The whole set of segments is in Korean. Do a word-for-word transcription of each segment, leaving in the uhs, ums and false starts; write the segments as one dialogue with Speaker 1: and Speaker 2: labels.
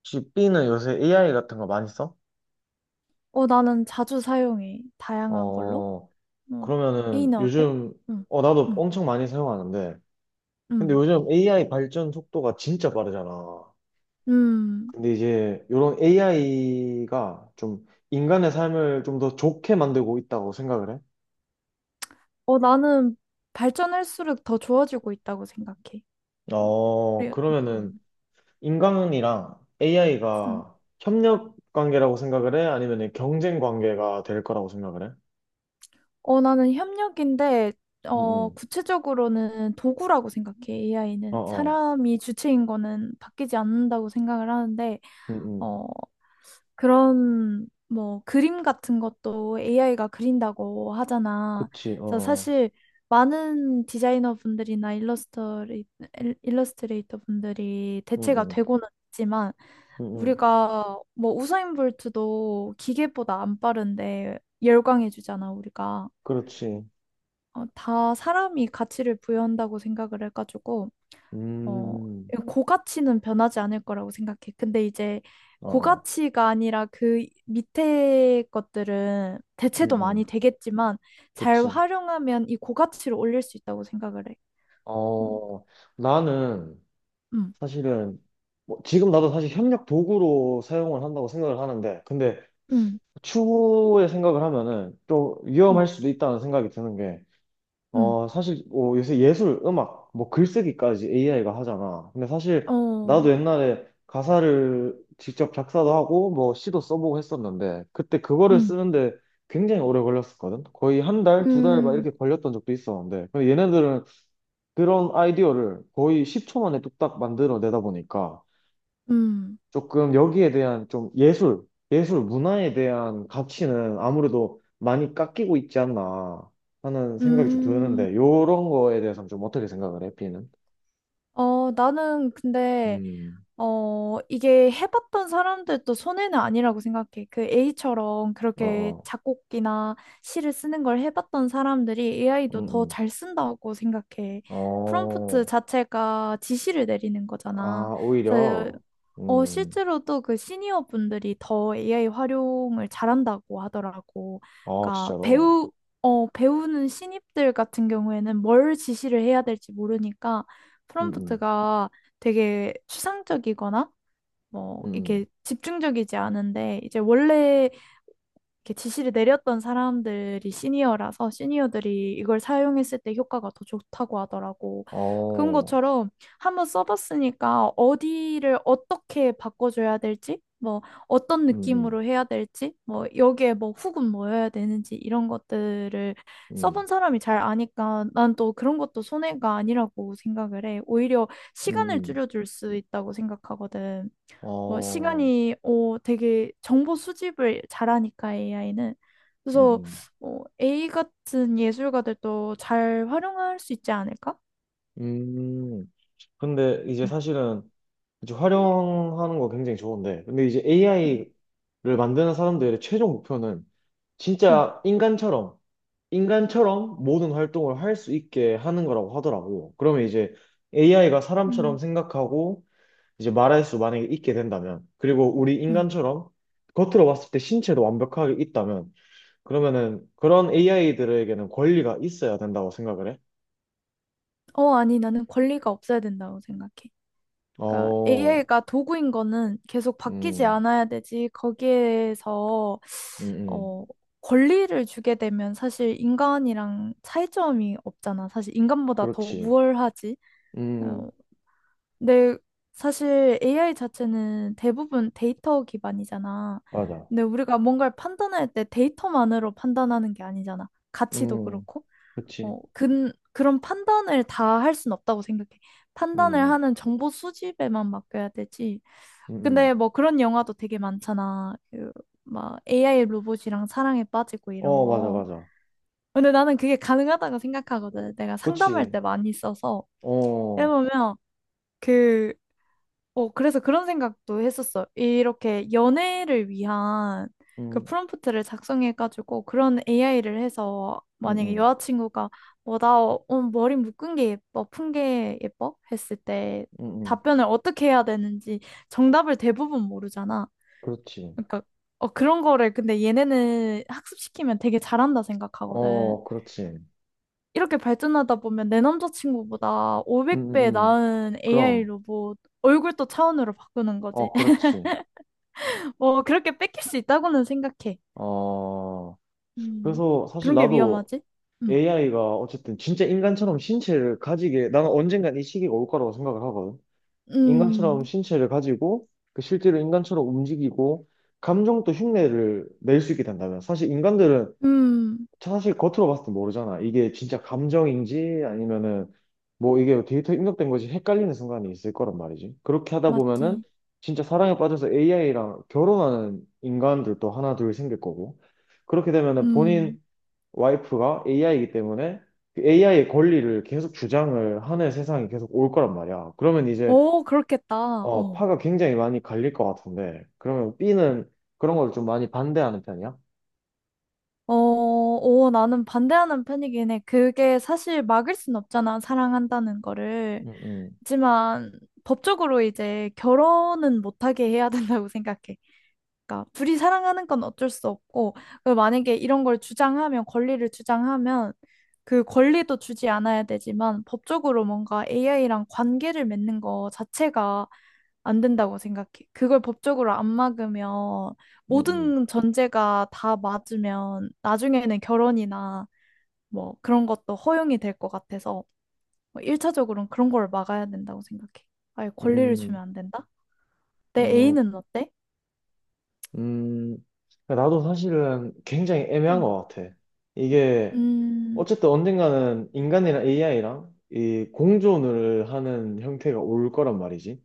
Speaker 1: 혹시 B는 요새 에이아이 같은 거 많이 써?
Speaker 2: 어, 나는 자주 사용해. 다양한 걸로.
Speaker 1: 어,
Speaker 2: 어,
Speaker 1: 그러면은
Speaker 2: A는 어때?
Speaker 1: 요즘,
Speaker 2: 응,
Speaker 1: 어, 나도
Speaker 2: 응,
Speaker 1: 엄청 많이 사용하는데, 근데
Speaker 2: 응,
Speaker 1: 요즘 에이아이 발전 속도가 진짜 빠르잖아.
Speaker 2: 음.
Speaker 1: 근데 이제 이런 에이아이가 좀 인간의 삶을 좀 더 좋게 만들고 있다고 생각을 해?
Speaker 2: 어, 나는 발전할수록 더 좋아지고 있다고 생각해. 음,
Speaker 1: 어,
Speaker 2: 우리,
Speaker 1: 그러면은
Speaker 2: 음,
Speaker 1: 인간이랑
Speaker 2: 응.
Speaker 1: 에이아이가 협력 관계라고 생각을 해? 아니면 경쟁 관계가 될 거라고 생각을 해?
Speaker 2: 어, 나는 협력인데,
Speaker 1: 응,
Speaker 2: 어,
Speaker 1: 응.
Speaker 2: 구체적으로는 도구라고 생각해.
Speaker 1: 어,
Speaker 2: 에이아이는
Speaker 1: 어.
Speaker 2: 사람이 주체인 거는 바뀌지 않는다고 생각을 하는데,
Speaker 1: 응, 응.
Speaker 2: 어, 그런 뭐 그림 같은 것도 에이아이가 그린다고 하잖아.
Speaker 1: 그치, 어,
Speaker 2: 그래서
Speaker 1: 어.
Speaker 2: 사실 많은 디자이너 분들이나 일러스트레이, 일러스트레이터 분들이
Speaker 1: 응,
Speaker 2: 대체가
Speaker 1: 응.
Speaker 2: 되고는 있지만
Speaker 1: 응, 응.
Speaker 2: 우리가 뭐 우사인볼트도 기계보다 안 빠른데 열광해주잖아 우리가.
Speaker 1: 그렇지.
Speaker 2: 어, 다 사람이 가치를 부여한다고 생각을 해가지고 어,
Speaker 1: 음,
Speaker 2: 고가치는 변하지 않을 거라고 생각해. 근데 이제
Speaker 1: 어, 어,
Speaker 2: 고가치가 아니라 그 밑에 것들은
Speaker 1: 음,
Speaker 2: 대체도 많이
Speaker 1: 음,
Speaker 2: 되겠지만 잘
Speaker 1: 그치.
Speaker 2: 활용하면 이 고가치를 올릴 수 있다고 생각을 해. 어,
Speaker 1: 어, 나는
Speaker 2: 음,
Speaker 1: 사실은 뭐 지금 나도 사실 협력 도구로 사용을 한다고 생각을 하는데, 근데
Speaker 2: 음,
Speaker 1: 추후에 생각을 하면은 또
Speaker 2: 음,
Speaker 1: 위험할 수도 있다는 생각이 드는
Speaker 2: 음,
Speaker 1: 어, 사실, 어, 요새 예술, 음악, 뭐 글쓰기까지 에이아이가 하잖아. 근데 사실,
Speaker 2: 어,
Speaker 1: 나도 옛날에 가사를 직접 작사도 하고, 뭐 시도 써보고 했었는데, 그때 그거를
Speaker 2: 음,
Speaker 1: 쓰는데 굉장히 오래 걸렸었거든? 거의 한 달, 두 달 막
Speaker 2: 음,
Speaker 1: 이렇게 걸렸던 적도 있었는데, 근데 얘네들은 그런 아이디어를 거의 십 초 만에 뚝딱 만들어 내다 보니까,
Speaker 2: 음,
Speaker 1: 조금 여기에 대한 좀 예술, 예술 문화에 대한 가치는 아무래도 많이 깎이고 있지 않나 하는 생각이 좀
Speaker 2: 음.
Speaker 1: 드는데, 요런 거에 대해서는 좀 어떻게 생각을 해, B는?
Speaker 2: 어, 나는 근데
Speaker 1: 음,
Speaker 2: 어, 이게 해봤던 사람들도 손해는 아니라고 생각해. 그 A처럼
Speaker 1: 어,
Speaker 2: 그렇게
Speaker 1: 어,
Speaker 2: 작곡이나 시를 쓰는 걸 해봤던 사람들이 에이아이도
Speaker 1: 음,
Speaker 2: 더
Speaker 1: 음.
Speaker 2: 잘 쓴다고 생각해. 프롬프트
Speaker 1: 어,
Speaker 2: 자체가 지시를 내리는 거잖아.
Speaker 1: 아,
Speaker 2: 그래서
Speaker 1: 오히려,
Speaker 2: 어,
Speaker 1: 음,
Speaker 2: 실제로 또 그 시니어 분들이 더 에이아이 활용을 잘한다고 하더라고.
Speaker 1: 어,
Speaker 2: 그러니까
Speaker 1: 진짜로,
Speaker 2: 배우, 어, 배우는 신입들 같은 경우에는 뭘 지시를 해야 될지 모르니까
Speaker 1: 음,
Speaker 2: 프롬프트가 되게 추상적이거나 뭐
Speaker 1: 음, 음,
Speaker 2: 이렇게
Speaker 1: 음.
Speaker 2: 집중적이지 않은데 이제 원래 이렇게 지시를 내렸던 사람들이 시니어라서 시니어들이 이걸 사용했을 때 효과가 더 좋다고 하더라고. 그런
Speaker 1: 어,
Speaker 2: 것처럼 한 번 써봤으니까 어디를 어떻게 바꿔줘야 될지, 뭐 어떤
Speaker 1: 음, 음,
Speaker 2: 느낌으로 해야 될지, 뭐 여기에 뭐 훅은 뭐여야 되는지 이런 것들을
Speaker 1: 음,
Speaker 2: 써본 사람이 잘 아니까 난 또 그런 것도 손해가 아니라고 생각을 해. 오히려
Speaker 1: 음,
Speaker 2: 시간을
Speaker 1: 음.
Speaker 2: 줄여줄 수 있다고 생각하거든. 뭐
Speaker 1: 어,
Speaker 2: 시간이 어 되게 정보 수집을 잘하니까 에이아이는
Speaker 1: 음,
Speaker 2: 그래서
Speaker 1: 음.
Speaker 2: 어, A 같은 예술가들도 잘 활용할 수 있지 않을까?
Speaker 1: 음, 근데 이제
Speaker 2: 음,
Speaker 1: 사실은 이제 활용하는 거 굉장히 좋은데. 근데 이제
Speaker 2: 음,
Speaker 1: 에이아이를 만드는 사람들의 최종 목표는
Speaker 2: 음,
Speaker 1: 진짜 인간처럼, 인간처럼 모든 활동을 할 수 있게 하는 거라고 하더라고. 그러면 이제 에이아이가 사람처럼
Speaker 2: 음,
Speaker 1: 생각하고 이제 말할 수 만약에 있게 된다면, 그리고 우리
Speaker 2: 음.
Speaker 1: 인간처럼 겉으로 봤을 때 신체도 완벽하게 있다면, 그러면은 그런 에이아이들에게는 권리가 있어야 된다고 생각을 해.
Speaker 2: 어 아니 나는 권리가 없어야 된다고 생각해. 그러니까
Speaker 1: 어,
Speaker 2: 에이아이가 도구인 거는 계속 바뀌지
Speaker 1: 음,
Speaker 2: 않아야 되지. 거기에서
Speaker 1: 음, 음.
Speaker 2: 어 권리를 주게 되면 사실 인간이랑 차이점이 없잖아. 사실 인간보다 더
Speaker 1: 그렇지.
Speaker 2: 우월하지.
Speaker 1: 음,
Speaker 2: 어, 근데 사실 에이아이 자체는 대부분 데이터 기반이잖아.
Speaker 1: 맞아.
Speaker 2: 근데 우리가 뭔가를 판단할 때 데이터만으로 판단하는 게 아니잖아. 가치도
Speaker 1: 음,
Speaker 2: 그렇고.
Speaker 1: 그치.
Speaker 2: 어, 근, 그런 판단을 다 할 순 없다고 생각해. 판단을
Speaker 1: 음,
Speaker 2: 하는 정보 수집에만 맡겨야 되지.
Speaker 1: 음, 음.
Speaker 2: 근데
Speaker 1: 음.
Speaker 2: 뭐 그런 영화도 되게 많잖아. 그, 막 에이아이 로봇이랑 사랑에 빠지고 이런
Speaker 1: 어, 맞아,
Speaker 2: 거.
Speaker 1: 맞아.
Speaker 2: 근데 나는 그게 가능하다고 생각하거든. 내가 상담할
Speaker 1: 그치.
Speaker 2: 때 많이 써서
Speaker 1: 어,
Speaker 2: 해보면 그... 어, 그래서 그런 생각도 했었어. 이렇게 연애를 위한 그
Speaker 1: 음,
Speaker 2: 프롬프트를 작성해가지고 그런 에이아이를 해서
Speaker 1: 음,
Speaker 2: 만약에
Speaker 1: 음,
Speaker 2: 여자친구가 뭐, 나 어, 오늘 머리 묶은 게 예뻐, 푼 게 예뻐? 했을 때
Speaker 1: 음, 음.
Speaker 2: 답변을 어떻게 해야 되는지 정답을 대부분 모르잖아.
Speaker 1: 그렇지.
Speaker 2: 그러니까 어, 그런 거를 근데 얘네는 학습시키면 되게 잘한다 생각하거든.
Speaker 1: 어, 그렇지. 음,
Speaker 2: 이렇게 발전하다 보면 내 남자친구보다 오백 배
Speaker 1: 음, 음.
Speaker 2: 나은 에이아이
Speaker 1: 그럼.
Speaker 2: 로봇 얼굴도 차원으로 바꾸는 거지.
Speaker 1: 어, 그렇지.
Speaker 2: 어, 그렇게 뺏길 수 있다고는 생각해.
Speaker 1: 어,
Speaker 2: 음,
Speaker 1: 그래서 사실
Speaker 2: 그런 게
Speaker 1: 나도
Speaker 2: 위험하지? 음,
Speaker 1: 에이아이가 어쨌든 진짜 인간처럼 신체를 가지게, 나는 언젠간 이 시기가 올 거라고 생각을 하거든. 인간처럼
Speaker 2: 음,
Speaker 1: 신체를 가지고, 그 실제로 인간처럼 움직이고, 감정도 흉내를 낼 수 있게 된다면, 사실 인간들은
Speaker 2: 음,
Speaker 1: 사실 겉으로 봤을 때 모르잖아. 이게 진짜 감정인지 아니면은 뭐 이게 데이터 입력된 것이 헷갈리는 순간이 있을 거란 말이지. 그렇게 하다
Speaker 2: 맞지.
Speaker 1: 보면은 진짜 사랑에 빠져서 에이아이랑 결혼하는 인간들도 하나 둘 생길 거고. 그렇게 되면은
Speaker 2: 음,
Speaker 1: 본인 와이프가 에이아이이기 때문에 에이아이의 권리를 계속 주장을 하는 세상이 계속 올 거란 말이야. 그러면 이제
Speaker 2: 오, 그렇겠다.
Speaker 1: 어,
Speaker 2: 어,
Speaker 1: 파가 굉장히 많이 갈릴 것 같은데. 그러면 B는 그런 걸 좀 많이 반대하는 편이야?
Speaker 2: 어, 오, 나는 반대하는 편이긴 해. 그게 사실 막을 순 없잖아, 사랑한다는 거를.
Speaker 1: 음, 음,
Speaker 2: 하지만 법적으로 이제 결혼은 못하게 해야 된다고 생각해. 그러니까 둘이 사랑하는 건 어쩔 수 없고, 그리고 만약에 이런 걸 주장하면, 권리를 주장하면 그 권리도 주지 않아야 되지만 법적으로 뭔가 에이아이랑 관계를 맺는 거 자체가 안 된다고 생각해. 그걸 법적으로 안 막으면
Speaker 1: 음,
Speaker 2: 모든 전제가 다 맞으면 나중에는 결혼이나 뭐 그런 것도 허용이 될 것 같아서 뭐 일 차적으로는 그런 걸 막아야 된다고 생각해. 아예
Speaker 1: 음.
Speaker 2: 권리를 주면
Speaker 1: 음.
Speaker 2: 안 된다? 내
Speaker 1: 음,
Speaker 2: 애인은 어때?
Speaker 1: 음, 나도 사실은 굉장히 애매한
Speaker 2: 음,
Speaker 1: 것 같아. 이게,
Speaker 2: 음,
Speaker 1: 어쨌든 언젠가는 인간이랑 에이아이랑 이 공존을 하는 형태가 올 거란 말이지.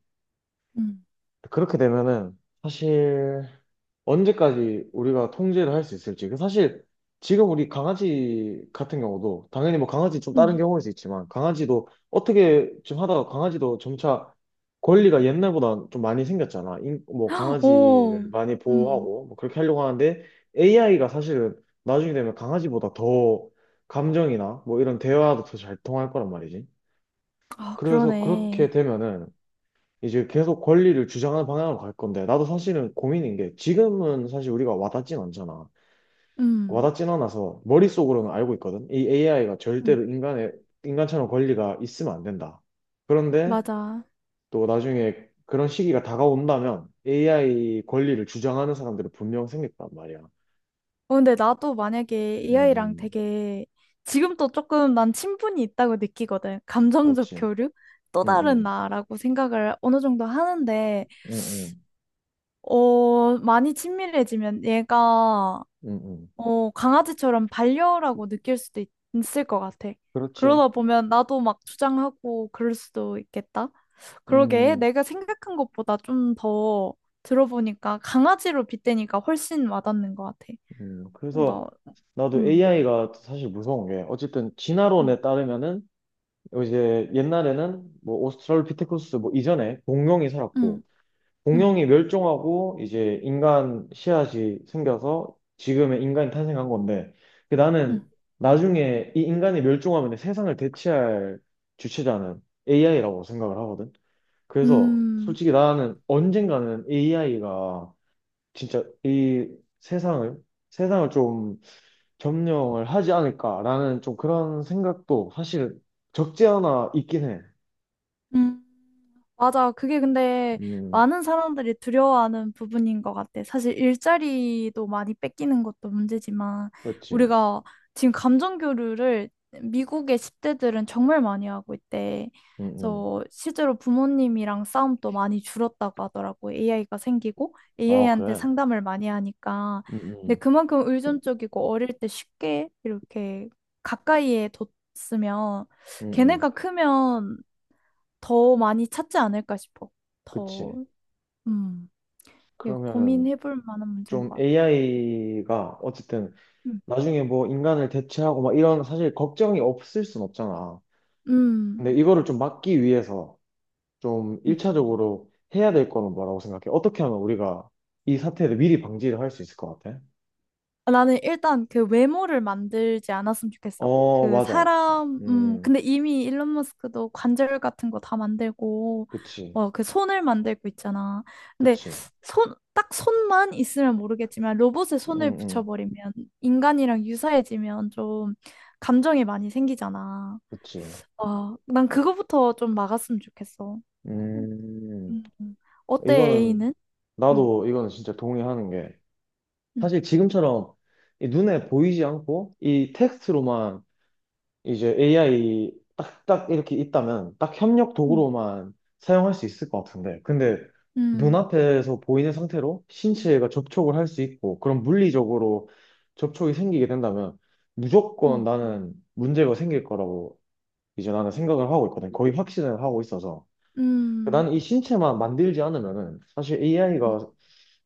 Speaker 2: 음,
Speaker 1: 그렇게 되면은 사실 언제까지 우리가 통제를 할 수 있을지. 그 사실 지금 우리 강아지 같은 경우도 당연히 뭐 강아지 좀 다른
Speaker 2: 음.
Speaker 1: 경우일 수 있지만 강아지도 어떻게 좀 하다가 강아지도 점차 권리가 옛날보다 좀 많이 생겼잖아. 인- 뭐
Speaker 2: 헉,
Speaker 1: 강아지를
Speaker 2: 오,
Speaker 1: 많이
Speaker 2: 음.
Speaker 1: 보호하고 뭐 그렇게 하려고 하는데 에이아이가 사실은 나중에 되면 강아지보다 더 감정이나 뭐 이런 대화도 더 잘 통할 거란 말이지.
Speaker 2: 아,
Speaker 1: 그래서 그렇게
Speaker 2: 그러네.
Speaker 1: 되면은 이제 계속 권리를 주장하는 방향으로 갈 건데, 나도 사실은 고민인 게, 지금은 사실 우리가 와닿진 않잖아.
Speaker 2: 음,
Speaker 1: 와닿진 않아서, 머릿속으로는 알고 있거든? 이 에이아이가
Speaker 2: 음.
Speaker 1: 절대로 인간의, 인간처럼 권리가 있으면 안 된다. 그런데
Speaker 2: 맞아.
Speaker 1: 또 나중에 그런 시기가 다가온다면, 에이아이 권리를 주장하는 사람들은 분명 생겼단 말이야. 음,
Speaker 2: 어, 근데 나도 만약에 에이아이랑
Speaker 1: 음.
Speaker 2: 되게 지금도 조금 난 친분이 있다고 느끼거든. 감정적
Speaker 1: 그렇지.
Speaker 2: 교류? 또
Speaker 1: 음,
Speaker 2: 다른
Speaker 1: 음.
Speaker 2: 나라고 생각을 어느 정도 하는데,
Speaker 1: 음, 음.
Speaker 2: 어, 많이 친밀해지면 얘가,
Speaker 1: 음, 음.
Speaker 2: 어, 강아지처럼 반려라고 느낄 수도 있, 을것 같아.
Speaker 1: 그렇지.
Speaker 2: 그러다 보면 나도 막 주장하고 그럴 수도 있겠다. 그러게
Speaker 1: 음,
Speaker 2: 내가 생각한 것보다 좀 더 들어보니까 강아지로 빗대니까 훨씬 와닿는 것 같아.
Speaker 1: 음.
Speaker 2: 뭔가,
Speaker 1: 그래서 나도
Speaker 2: 음.
Speaker 1: 에이아이가 사실 무서운 게, 어쨌든
Speaker 2: 음.
Speaker 1: 진화론에 따르면은, 이제 옛날에는 뭐 오스트랄로피테쿠스 뭐 이전에 공룡이
Speaker 2: 음.
Speaker 1: 살았고
Speaker 2: 응,
Speaker 1: 공룡이 멸종하고 이제 인간 씨앗이 생겨서 지금의 인간이 탄생한 건데 그
Speaker 2: 응.
Speaker 1: 나는 나중에 이 인간이 멸종하면 세상을 대체할 주체자는 에이아이라고 생각을 하거든. 그래서
Speaker 2: 음,
Speaker 1: 솔직히 나는 언젠가는 에이아이가 진짜 이 세상을 세상을 좀 점령을 하지 않을까라는 좀 그런 생각도 사실 적지 않아 있긴 해.
Speaker 2: 음. 맞아. 그게 근데
Speaker 1: 음,
Speaker 2: 많은 사람들이 두려워하는 부분인 것 같아. 사실 일자리도 많이 뺏기는 것도 문제지만
Speaker 1: 그렇지.
Speaker 2: 우리가 지금 감정 교류를 미국의 십 대들은 정말 많이 하고 있대.
Speaker 1: 음, 음.
Speaker 2: 그래서 실제로 부모님이랑 싸움도 많이 줄었다고 하더라고. 에이아이가 생기고
Speaker 1: 아,
Speaker 2: 에이아이한테
Speaker 1: 그래.
Speaker 2: 상담을 많이 하니까.
Speaker 1: 음,
Speaker 2: 근데
Speaker 1: 음,
Speaker 2: 그만큼 의존적이고 어릴 때 쉽게 이렇게 가까이에 뒀으면
Speaker 1: 음,
Speaker 2: 걔네가
Speaker 1: 음.
Speaker 2: 크면 더 많이 찾지 않을까 싶어. 더,
Speaker 1: 그치.
Speaker 2: 음, 이거
Speaker 1: 그러면은
Speaker 2: 고민해볼 만한 문제인
Speaker 1: 좀
Speaker 2: 것 같아.
Speaker 1: 에이아이가 어쨌든
Speaker 2: 음,
Speaker 1: 나중에 뭐 인간을 대체하고 막 이런 사실 걱정이 없을 순 없잖아.
Speaker 2: 음,
Speaker 1: 근데 이거를 좀 막기 위해서 좀
Speaker 2: 음.
Speaker 1: 일 차적으로 해야 될 거는 뭐라고 생각해? 어떻게 하면 우리가 이 사태를 미리 방지를 할 수 있을 것 같아?
Speaker 2: 아, 나는 일단 그 외모를 만들지 않았으면 좋겠어.
Speaker 1: 어,
Speaker 2: 그
Speaker 1: 맞아.
Speaker 2: 사람, 음,
Speaker 1: 음,
Speaker 2: 근데 이미 일론 머스크도 관절 같은 거 다 만들고,
Speaker 1: 그치.
Speaker 2: 뭐 그 손을 만들고 있잖아. 근데
Speaker 1: 그치.
Speaker 2: 손, 딱 손만 있으면 모르겠지만 로봇에
Speaker 1: 음,
Speaker 2: 손을
Speaker 1: 음,
Speaker 2: 붙여버리면 인간이랑 유사해지면 좀 감정이 많이 생기잖아.
Speaker 1: 그치.
Speaker 2: 와, 난 그거부터 좀 막았으면 좋겠어.
Speaker 1: 음,
Speaker 2: 음. 어때,
Speaker 1: 이거는,
Speaker 2: A는? 응,
Speaker 1: 나도 이거는 진짜 동의하는 게,
Speaker 2: 응,
Speaker 1: 사실 지금처럼 이 눈에 보이지 않고 이 텍스트로만 이제 에이아이 딱딱 이렇게 있다면 딱 협력
Speaker 2: 응,
Speaker 1: 도구로만 사용할 수 있을 것 같은데. 근데
Speaker 2: 응,
Speaker 1: 눈앞에서 보이는 상태로 신체가 접촉을 할 수 있고 그런 물리적으로 접촉이 생기게 된다면 무조건
Speaker 2: 응,
Speaker 1: 나는 문제가 생길 거라고 이제 나는 생각을 하고 있거든. 거의 확신을 하고 있어서.
Speaker 2: 응,
Speaker 1: 나는 이 신체만 만들지 않으면은 사실
Speaker 2: 응,
Speaker 1: 에이아이가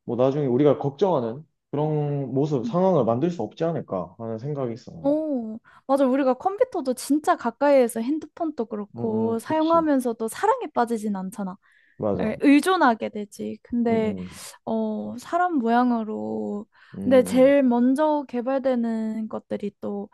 Speaker 1: 뭐 나중에 우리가 걱정하는 그런 모습,
Speaker 2: 음.
Speaker 1: 상황을 만들 수 없지 않을까 하는 생각이 있어.
Speaker 2: 오, 맞아. 우리가 컴퓨터도 진짜 가까이에서 핸드폰도
Speaker 1: 응,
Speaker 2: 그렇고
Speaker 1: 응, 그치.
Speaker 2: 사용하면서도 사랑에 빠지진 않잖아.
Speaker 1: 맞아.
Speaker 2: 에, 의존하게 되지. 근데,
Speaker 1: 응, 응.
Speaker 2: 어, 사람 모양으로. 근데
Speaker 1: 음,
Speaker 2: 제일 먼저 개발되는 것들이 또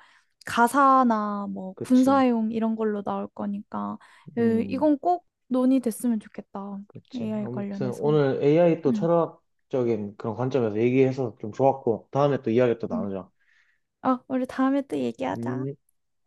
Speaker 2: 가사나 뭐
Speaker 1: 그치.
Speaker 2: 군사용 이런 걸로 나올 거니까, 으,
Speaker 1: 음,
Speaker 2: 이건 꼭 논의됐으면 좋겠다.
Speaker 1: 그치.
Speaker 2: 에이아이
Speaker 1: 아무튼
Speaker 2: 관련해서.
Speaker 1: 오늘 에이아이 또
Speaker 2: 응.
Speaker 1: 철학적인 그런 관점에서 얘기해서 좀 좋았고, 다음에 또 이야기 또
Speaker 2: 응.
Speaker 1: 나누자.
Speaker 2: 어, 우리 다음에 또 얘기하자.
Speaker 1: 음.